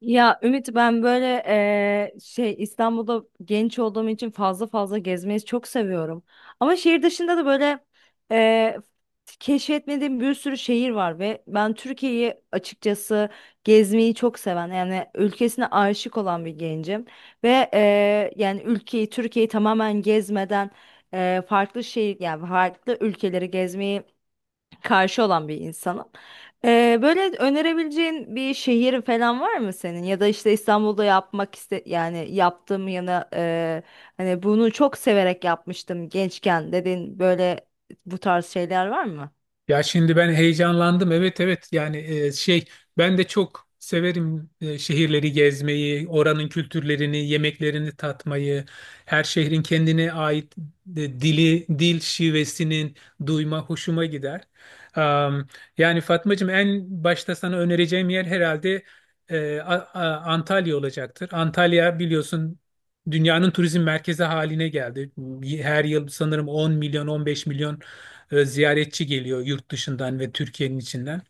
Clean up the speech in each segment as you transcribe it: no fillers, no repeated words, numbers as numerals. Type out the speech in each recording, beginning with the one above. Ya Ümit, ben böyle şey, İstanbul'da genç olduğum için fazla fazla gezmeyi çok seviyorum. Ama şehir dışında da böyle eee keşfetmediğim bir sürü şehir var ve ben Türkiye'yi açıkçası gezmeyi çok seven, yani ülkesine aşık olan bir gencim. Ve yani ülkeyi, Türkiye'yi tamamen gezmeden farklı şehir, yani farklı ülkeleri gezmeyi karşı olan bir insanım. Böyle önerebileceğin bir şehir falan var mı senin? Ya da işte İstanbul'da yapmak iste, yani yaptığım yana hani bunu çok severek yapmıştım gençken dedin, böyle bu tarz şeyler var mı? Ya şimdi ben heyecanlandım. Evet, evet, yani şey, ben de çok severim şehirleri gezmeyi, oranın kültürlerini, yemeklerini tatmayı, her şehrin kendine ait dili, dil şivesinin duyma hoşuma gider. Am, Yani Fatmacığım, en başta sana önereceğim yer herhalde Antalya olacaktır. Antalya biliyorsun dünyanın turizm merkezi haline geldi. Her yıl sanırım 10 milyon, 15 milyon ziyaretçi geliyor yurt dışından ve Türkiye'nin içinden.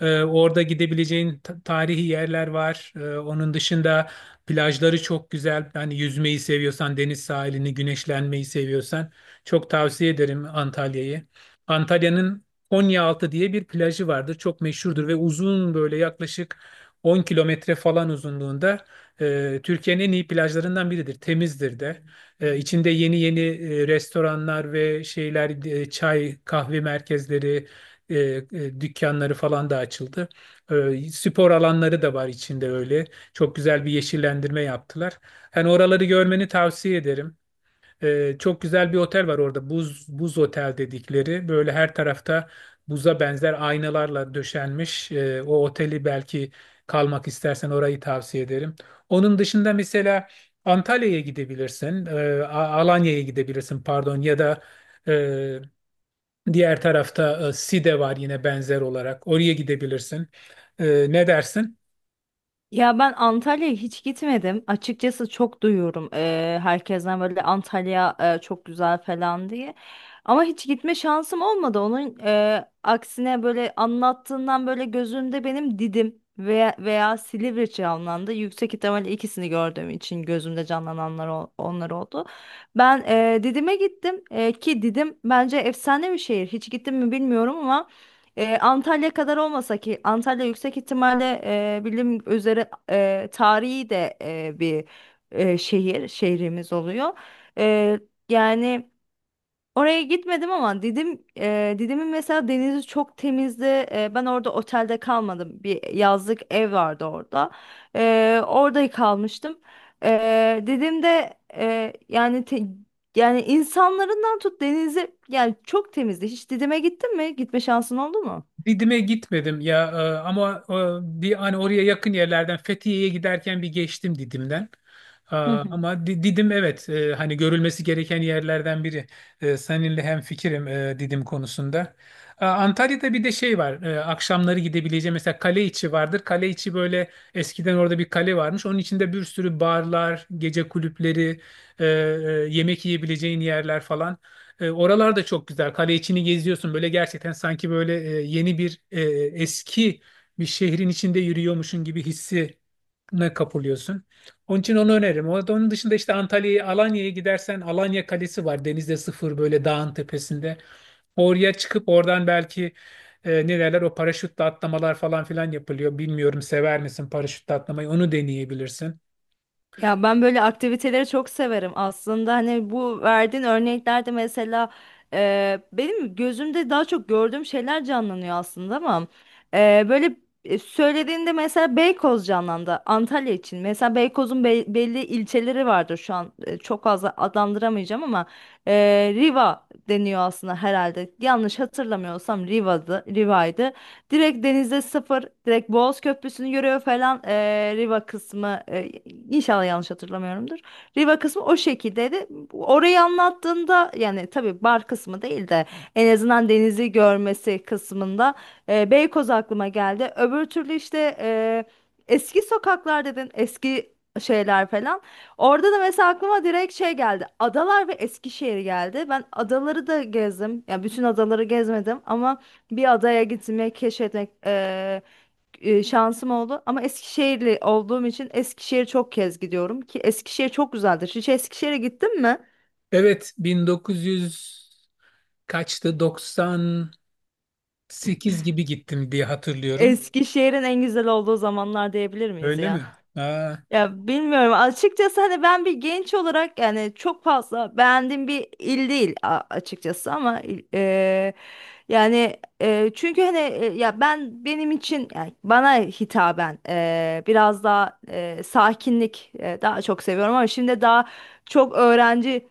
Orada gidebileceğin tarihi yerler var. Onun dışında plajları çok güzel. Yani yüzmeyi seviyorsan, deniz sahilini, güneşlenmeyi seviyorsan çok tavsiye ederim Antalya'yı. Antalya'nın Konyaaltı diye bir plajı vardır. Çok meşhurdur ve uzun böyle, yaklaşık 10 kilometre falan uzunluğunda, Türkiye'nin en iyi plajlarından biridir. Temizdir de. İçinde yeni yeni restoranlar ve şeyler, çay, kahve merkezleri, dükkanları falan da açıldı. Spor alanları da var içinde öyle. Çok güzel bir yeşillendirme yaptılar. Hani oraları görmeni tavsiye ederim. Çok güzel bir otel var orada, buz buz otel dedikleri. Böyle her tarafta buza benzer aynalarla döşenmiş. O oteli belki kalmak istersen, orayı tavsiye ederim. Onun dışında mesela Antalya'ya gidebilirsin. Alanya'ya gidebilirsin pardon, ya da e, diğer tarafta Side var yine benzer olarak. Oraya gidebilirsin. Ne dersin? Ya ben Antalya'ya hiç gitmedim. Açıkçası çok duyuyorum herkesten, böyle Antalya çok güzel falan diye. Ama hiç gitme şansım olmadı. Onun aksine, böyle anlattığından böyle gözümde benim Didim veya Silivri canlandı. Yüksek ihtimalle ikisini gördüğüm için gözümde canlananlar onlar oldu. Ben Didim'e gittim. Ki Didim bence efsane bir şehir. Hiç gittim mi bilmiyorum ama. Antalya kadar olmasa ki Antalya yüksek ihtimalle bilim üzere tarihi de bir şehrimiz oluyor. E, Yani oraya gitmedim ama Didim'in mesela denizi çok temizdi. E, ben orada otelde kalmadım. Bir yazlık ev vardı orada. E, orada kalmıştım. Didim'de, yani yani insanlarından tut, denizi, yani çok temizdi. Hiç Didim'e gittin mi? Gitme şansın oldu mu? Didim'e gitmedim ya, ama bir, hani oraya yakın yerlerden Fethiye'ye giderken bir geçtim Didim'den. Hı hı. Ama Didim, evet, hani görülmesi gereken yerlerden biri. Seninle hemfikirim Didim konusunda. Antalya'da bir de şey var. Akşamları gidebileceğim mesela, kale içi vardır. Kale içi böyle, eskiden orada bir kale varmış. Onun içinde bir sürü barlar, gece kulüpleri, yemek yiyebileceğin yerler falan. Oralar da çok güzel. Kale içini geziyorsun. Böyle gerçekten sanki böyle yeni bir eski bir şehrin içinde yürüyormuşsun gibi hissine kapılıyorsun. Onun için onu öneririm. Onun dışında işte, Antalya'ya, Alanya'ya gidersen Alanya Kalesi var. Denizde sıfır, böyle dağın tepesinde. Oraya çıkıp oradan belki ne derler, o paraşütle atlamalar falan filan yapılıyor. Bilmiyorum, sever misin paraşütle atlamayı? Onu deneyebilirsin. Ya ben böyle aktiviteleri çok severim aslında. Hani bu verdiğin örneklerde mesela benim gözümde daha çok gördüğüm şeyler canlanıyor aslında, ama böyle söylediğinde mesela Beykoz canlandı. Antalya için mesela Beykoz'un belli ilçeleri vardır. Şu an çok fazla adlandıramayacağım ama e, Riva deniyor aslında, herhalde yanlış hatırlamıyorsam Riva'ydı. Direkt denize sıfır, direkt Boğaz Köprüsü'nü görüyor falan. Riva kısmı, inşallah yanlış hatırlamıyorumdur. Riva kısmı o şekildeydi. Orayı anlattığında, yani tabii bar kısmı değil de en azından denizi görmesi kısmında, Beykoz aklıma geldi. Öbür türlü işte eski sokaklar dedin, eski şeyler falan. Orada da mesela aklıma direkt şey geldi: Adalar ve Eskişehir geldi. Ben adaları da gezdim. Ya bütün adaları gezmedim ama bir adaya gitmek, keşfetmek şansım oldu. Ama Eskişehirli olduğum için Eskişehir çok kez gidiyorum ki Eskişehir çok güzeldir. Hiç Eskişehir'e gittin mi? Evet, 1900 kaçtı? 90 sekiz gibi gittim diye hatırlıyorum. Eskişehir'in en güzel olduğu zamanlar diyebilir miyiz Öyle mi? ya? Aa. Ya bilmiyorum açıkçası, hani ben bir genç olarak yani çok fazla beğendiğim bir il değil açıkçası, ama yani, çünkü hani, ya ben, benim için, yani bana hitaben biraz daha sakinlik daha çok seviyorum, ama şimdi daha çok öğrenci.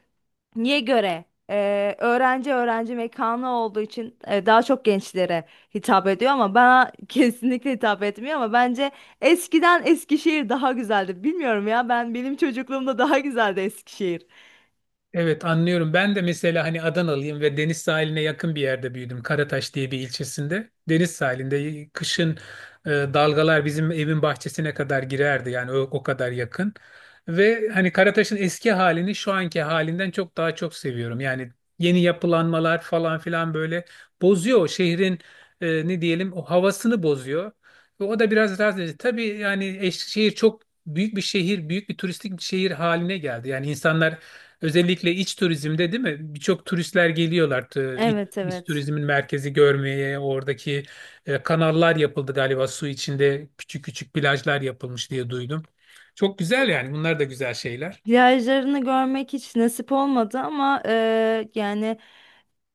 Niye göre? Öğrenci, öğrenci mekanı olduğu için daha çok gençlere hitap ediyor, ama bana kesinlikle hitap etmiyor. Ama bence eskiden Eskişehir daha güzeldi. Bilmiyorum, ya ben, benim çocukluğumda daha güzeldi Eskişehir. Evet, anlıyorum. Ben de mesela hani Adanalıyım ve deniz sahiline yakın bir yerde büyüdüm. Karataş diye bir ilçesinde. Deniz sahilinde kışın dalgalar bizim evin bahçesine kadar girerdi. Yani o kadar yakın. Ve hani Karataş'ın eski halini şu anki halinden çok daha çok seviyorum. Yani yeni yapılanmalar falan filan böyle bozuyor o şehrin ne diyelim, o havasını bozuyor. Ve o da biraz rahatsız edici. Tabii yani şehir çok büyük bir şehir, büyük bir turistik bir şehir haline geldi. Yani insanlar, özellikle iç turizmde değil mi? Birçok turistler geliyorlar, Evet, iç evet. turizmin merkezi görmeye. Oradaki kanallar yapıldı galiba, su içinde küçük küçük plajlar yapılmış diye duydum. Çok güzel yani, bunlar da güzel şeyler. Plajlarını görmek hiç nasip olmadı ama yani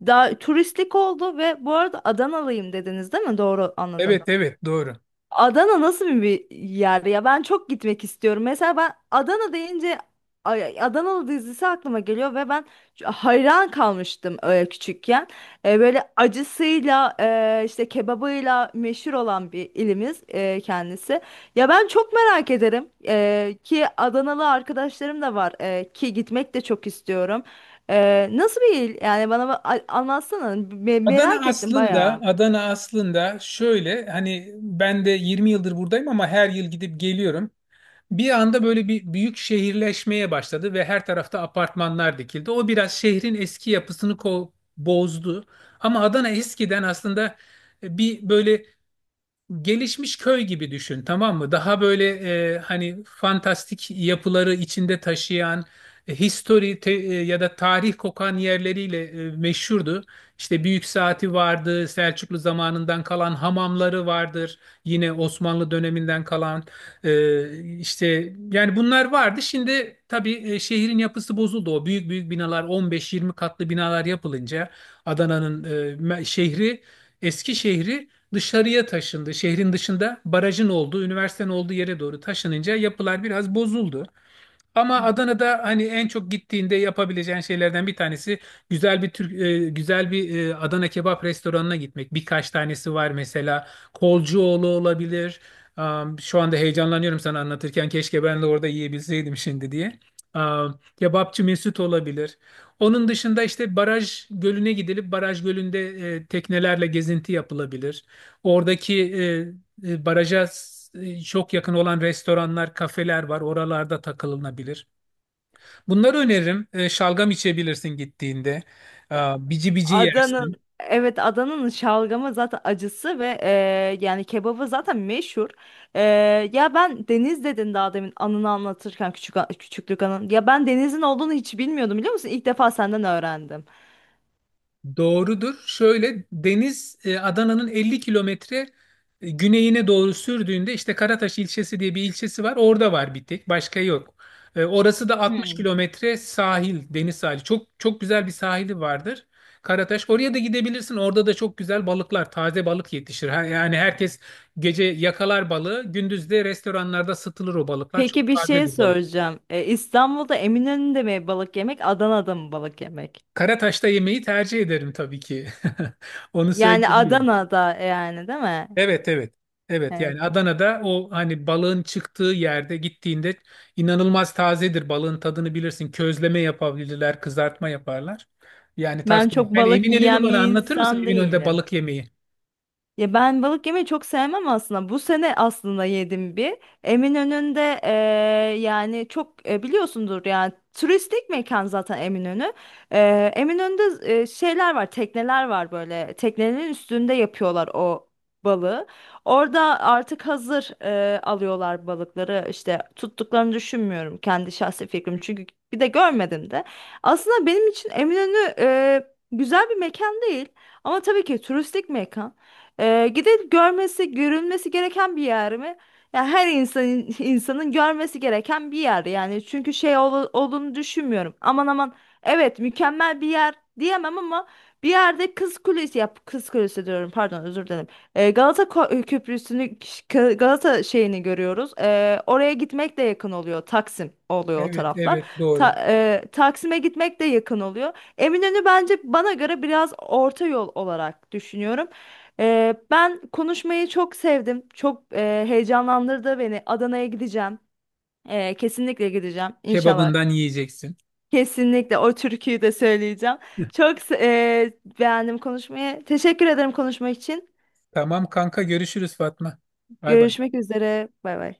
daha turistik oldu. Ve bu arada, Adanalıyım dediniz, değil mi? Doğru anladım. Evet, evet, doğru. Adana nasıl bir yer ya? Ben çok gitmek istiyorum. Mesela ben Adana deyince Adanalı dizisi aklıma geliyor ve ben hayran kalmıştım küçükken. E, böyle acısıyla işte kebabıyla meşhur olan bir ilimiz kendisi. Ya ben çok merak ederim. Ki Adanalı arkadaşlarım da var, ki gitmek de çok istiyorum. E, nasıl bir il? Yani bana anlatsana. Merak Adana ettim aslında, bayağı. Adana aslında şöyle, hani ben de 20 yıldır buradayım ama her yıl gidip geliyorum. Bir anda böyle bir büyük şehirleşmeye başladı ve her tarafta apartmanlar dikildi. O biraz şehrin eski yapısını bozdu. Ama Adana eskiden aslında bir böyle gelişmiş köy gibi düşün, tamam mı? Daha böyle hani fantastik yapıları içinde taşıyan, ya da tarih kokan yerleriyle meşhurdu. İşte Büyük Saati vardı, Selçuklu zamanından kalan hamamları vardır. Yine Osmanlı döneminden kalan işte yani bunlar vardı. Şimdi tabii şehrin yapısı bozuldu. O büyük büyük binalar, 15-20 katlı binalar yapılınca Adana'nın şehri, eski şehri dışarıya taşındı. Şehrin dışında barajın olduğu, üniversitenin olduğu yere doğru taşınınca yapılar biraz bozuldu. Ama Adana'da hani en çok gittiğinde yapabileceğin şeylerden bir tanesi güzel bir güzel bir Adana kebap restoranına gitmek. Birkaç tanesi var, mesela Kolcuoğlu olabilir. Şu anda heyecanlanıyorum sana anlatırken, keşke ben de orada yiyebilseydim şimdi diye. Kebapçı Mesut olabilir. Onun dışında işte Baraj Gölü'ne gidilip Baraj Gölü'nde teknelerle gezinti yapılabilir. Oradaki Baraja çok yakın olan restoranlar, kafeler var. Oralarda takılınabilir. Bunları öneririm. Şalgam içebilirsin gittiğinde. Aa, bici bici yersin. Adanın, evet, Adanın şalgamı zaten acısı ve yani kebabı zaten meşhur. E, ya ben, Deniz dedin daha demin, anını anlatırken, küçük küçüklük anın. Ya ben Deniz'in olduğunu hiç bilmiyordum, biliyor musun? İlk defa senden öğrendim. Doğrudur. Şöyle, deniz Adana'nın 50 kilometre güneyine doğru sürdüğünde işte Karataş ilçesi diye bir ilçesi var. Orada var bir tek, başka yok. Orası da 60 Hmm. kilometre sahil, deniz sahili. Çok çok güzel bir sahili vardır. Karataş. Oraya da gidebilirsin. Orada da çok güzel balıklar, taze balık yetişir. Yani herkes gece yakalar balığı, gündüz de restoranlarda satılır o balıklar. Çok Peki bir şey tazedir balık. soracağım. E, İstanbul'da Eminönü'nde mi balık yemek, Adana'da mı balık yemek? Karataş'ta yemeği tercih ederim tabii ki. Onu Yani söyleyebilirim. Adana'da, yani değil mi? Evet, evet. Evet Evet. yani Adana'da o hani balığın çıktığı yerde gittiğinde inanılmaz tazedir. Balığın tadını bilirsin. Közleme yapabilirler, kızartma yaparlar. Yani tavsiye Ben ederim. çok Ben balık Eminönü'nü, yiyen bana bir anlatır mısın insan Eminönü'nde değilim. balık yemeği? Ya ben balık yemeyi çok sevmem aslında. Bu sene aslında yedim bir. Eminönü'nde yani çok biliyorsundur, yani turistik mekan zaten Eminönü. Eminönü'nde şeyler var, tekneler var böyle. Teknelerin üstünde yapıyorlar o balığı. Orada artık hazır alıyorlar balıkları. İşte tuttuklarını düşünmüyorum, kendi şahsi fikrim. Çünkü bir de görmedim de. Aslında benim için Eminönü güzel bir mekan değil. Ama tabii ki turistik mekan. Gidip görmesi, görülmesi gereken bir yer mi? Yani her insanın görmesi gereken bir yer yani. Çünkü şey olduğunu düşünmüyorum. Aman aman, evet, mükemmel bir yer diyemem ama bir yerde Kız Kulesi yap, Kız Kulesi diyorum, pardon, özür dilerim. Galata Köprüsü'nü, Galata şeyini görüyoruz. Oraya gitmek de yakın oluyor. Taksim oluyor o Evet, taraflar. evet, doğru. Taksim'e gitmek de yakın oluyor. Eminönü bence, bana göre, biraz orta yol olarak düşünüyorum. Ben konuşmayı çok sevdim. Çok heyecanlandırdı beni. Adana'ya gideceğim. Kesinlikle gideceğim inşallah. Kebabından yiyeceksin. Kesinlikle o türküyü de söyleyeceğim. Çok beğendim konuşmayı. Teşekkür ederim konuşma için. Tamam kanka, görüşürüz Fatma. Bay bay. Görüşmek üzere. Bay bay.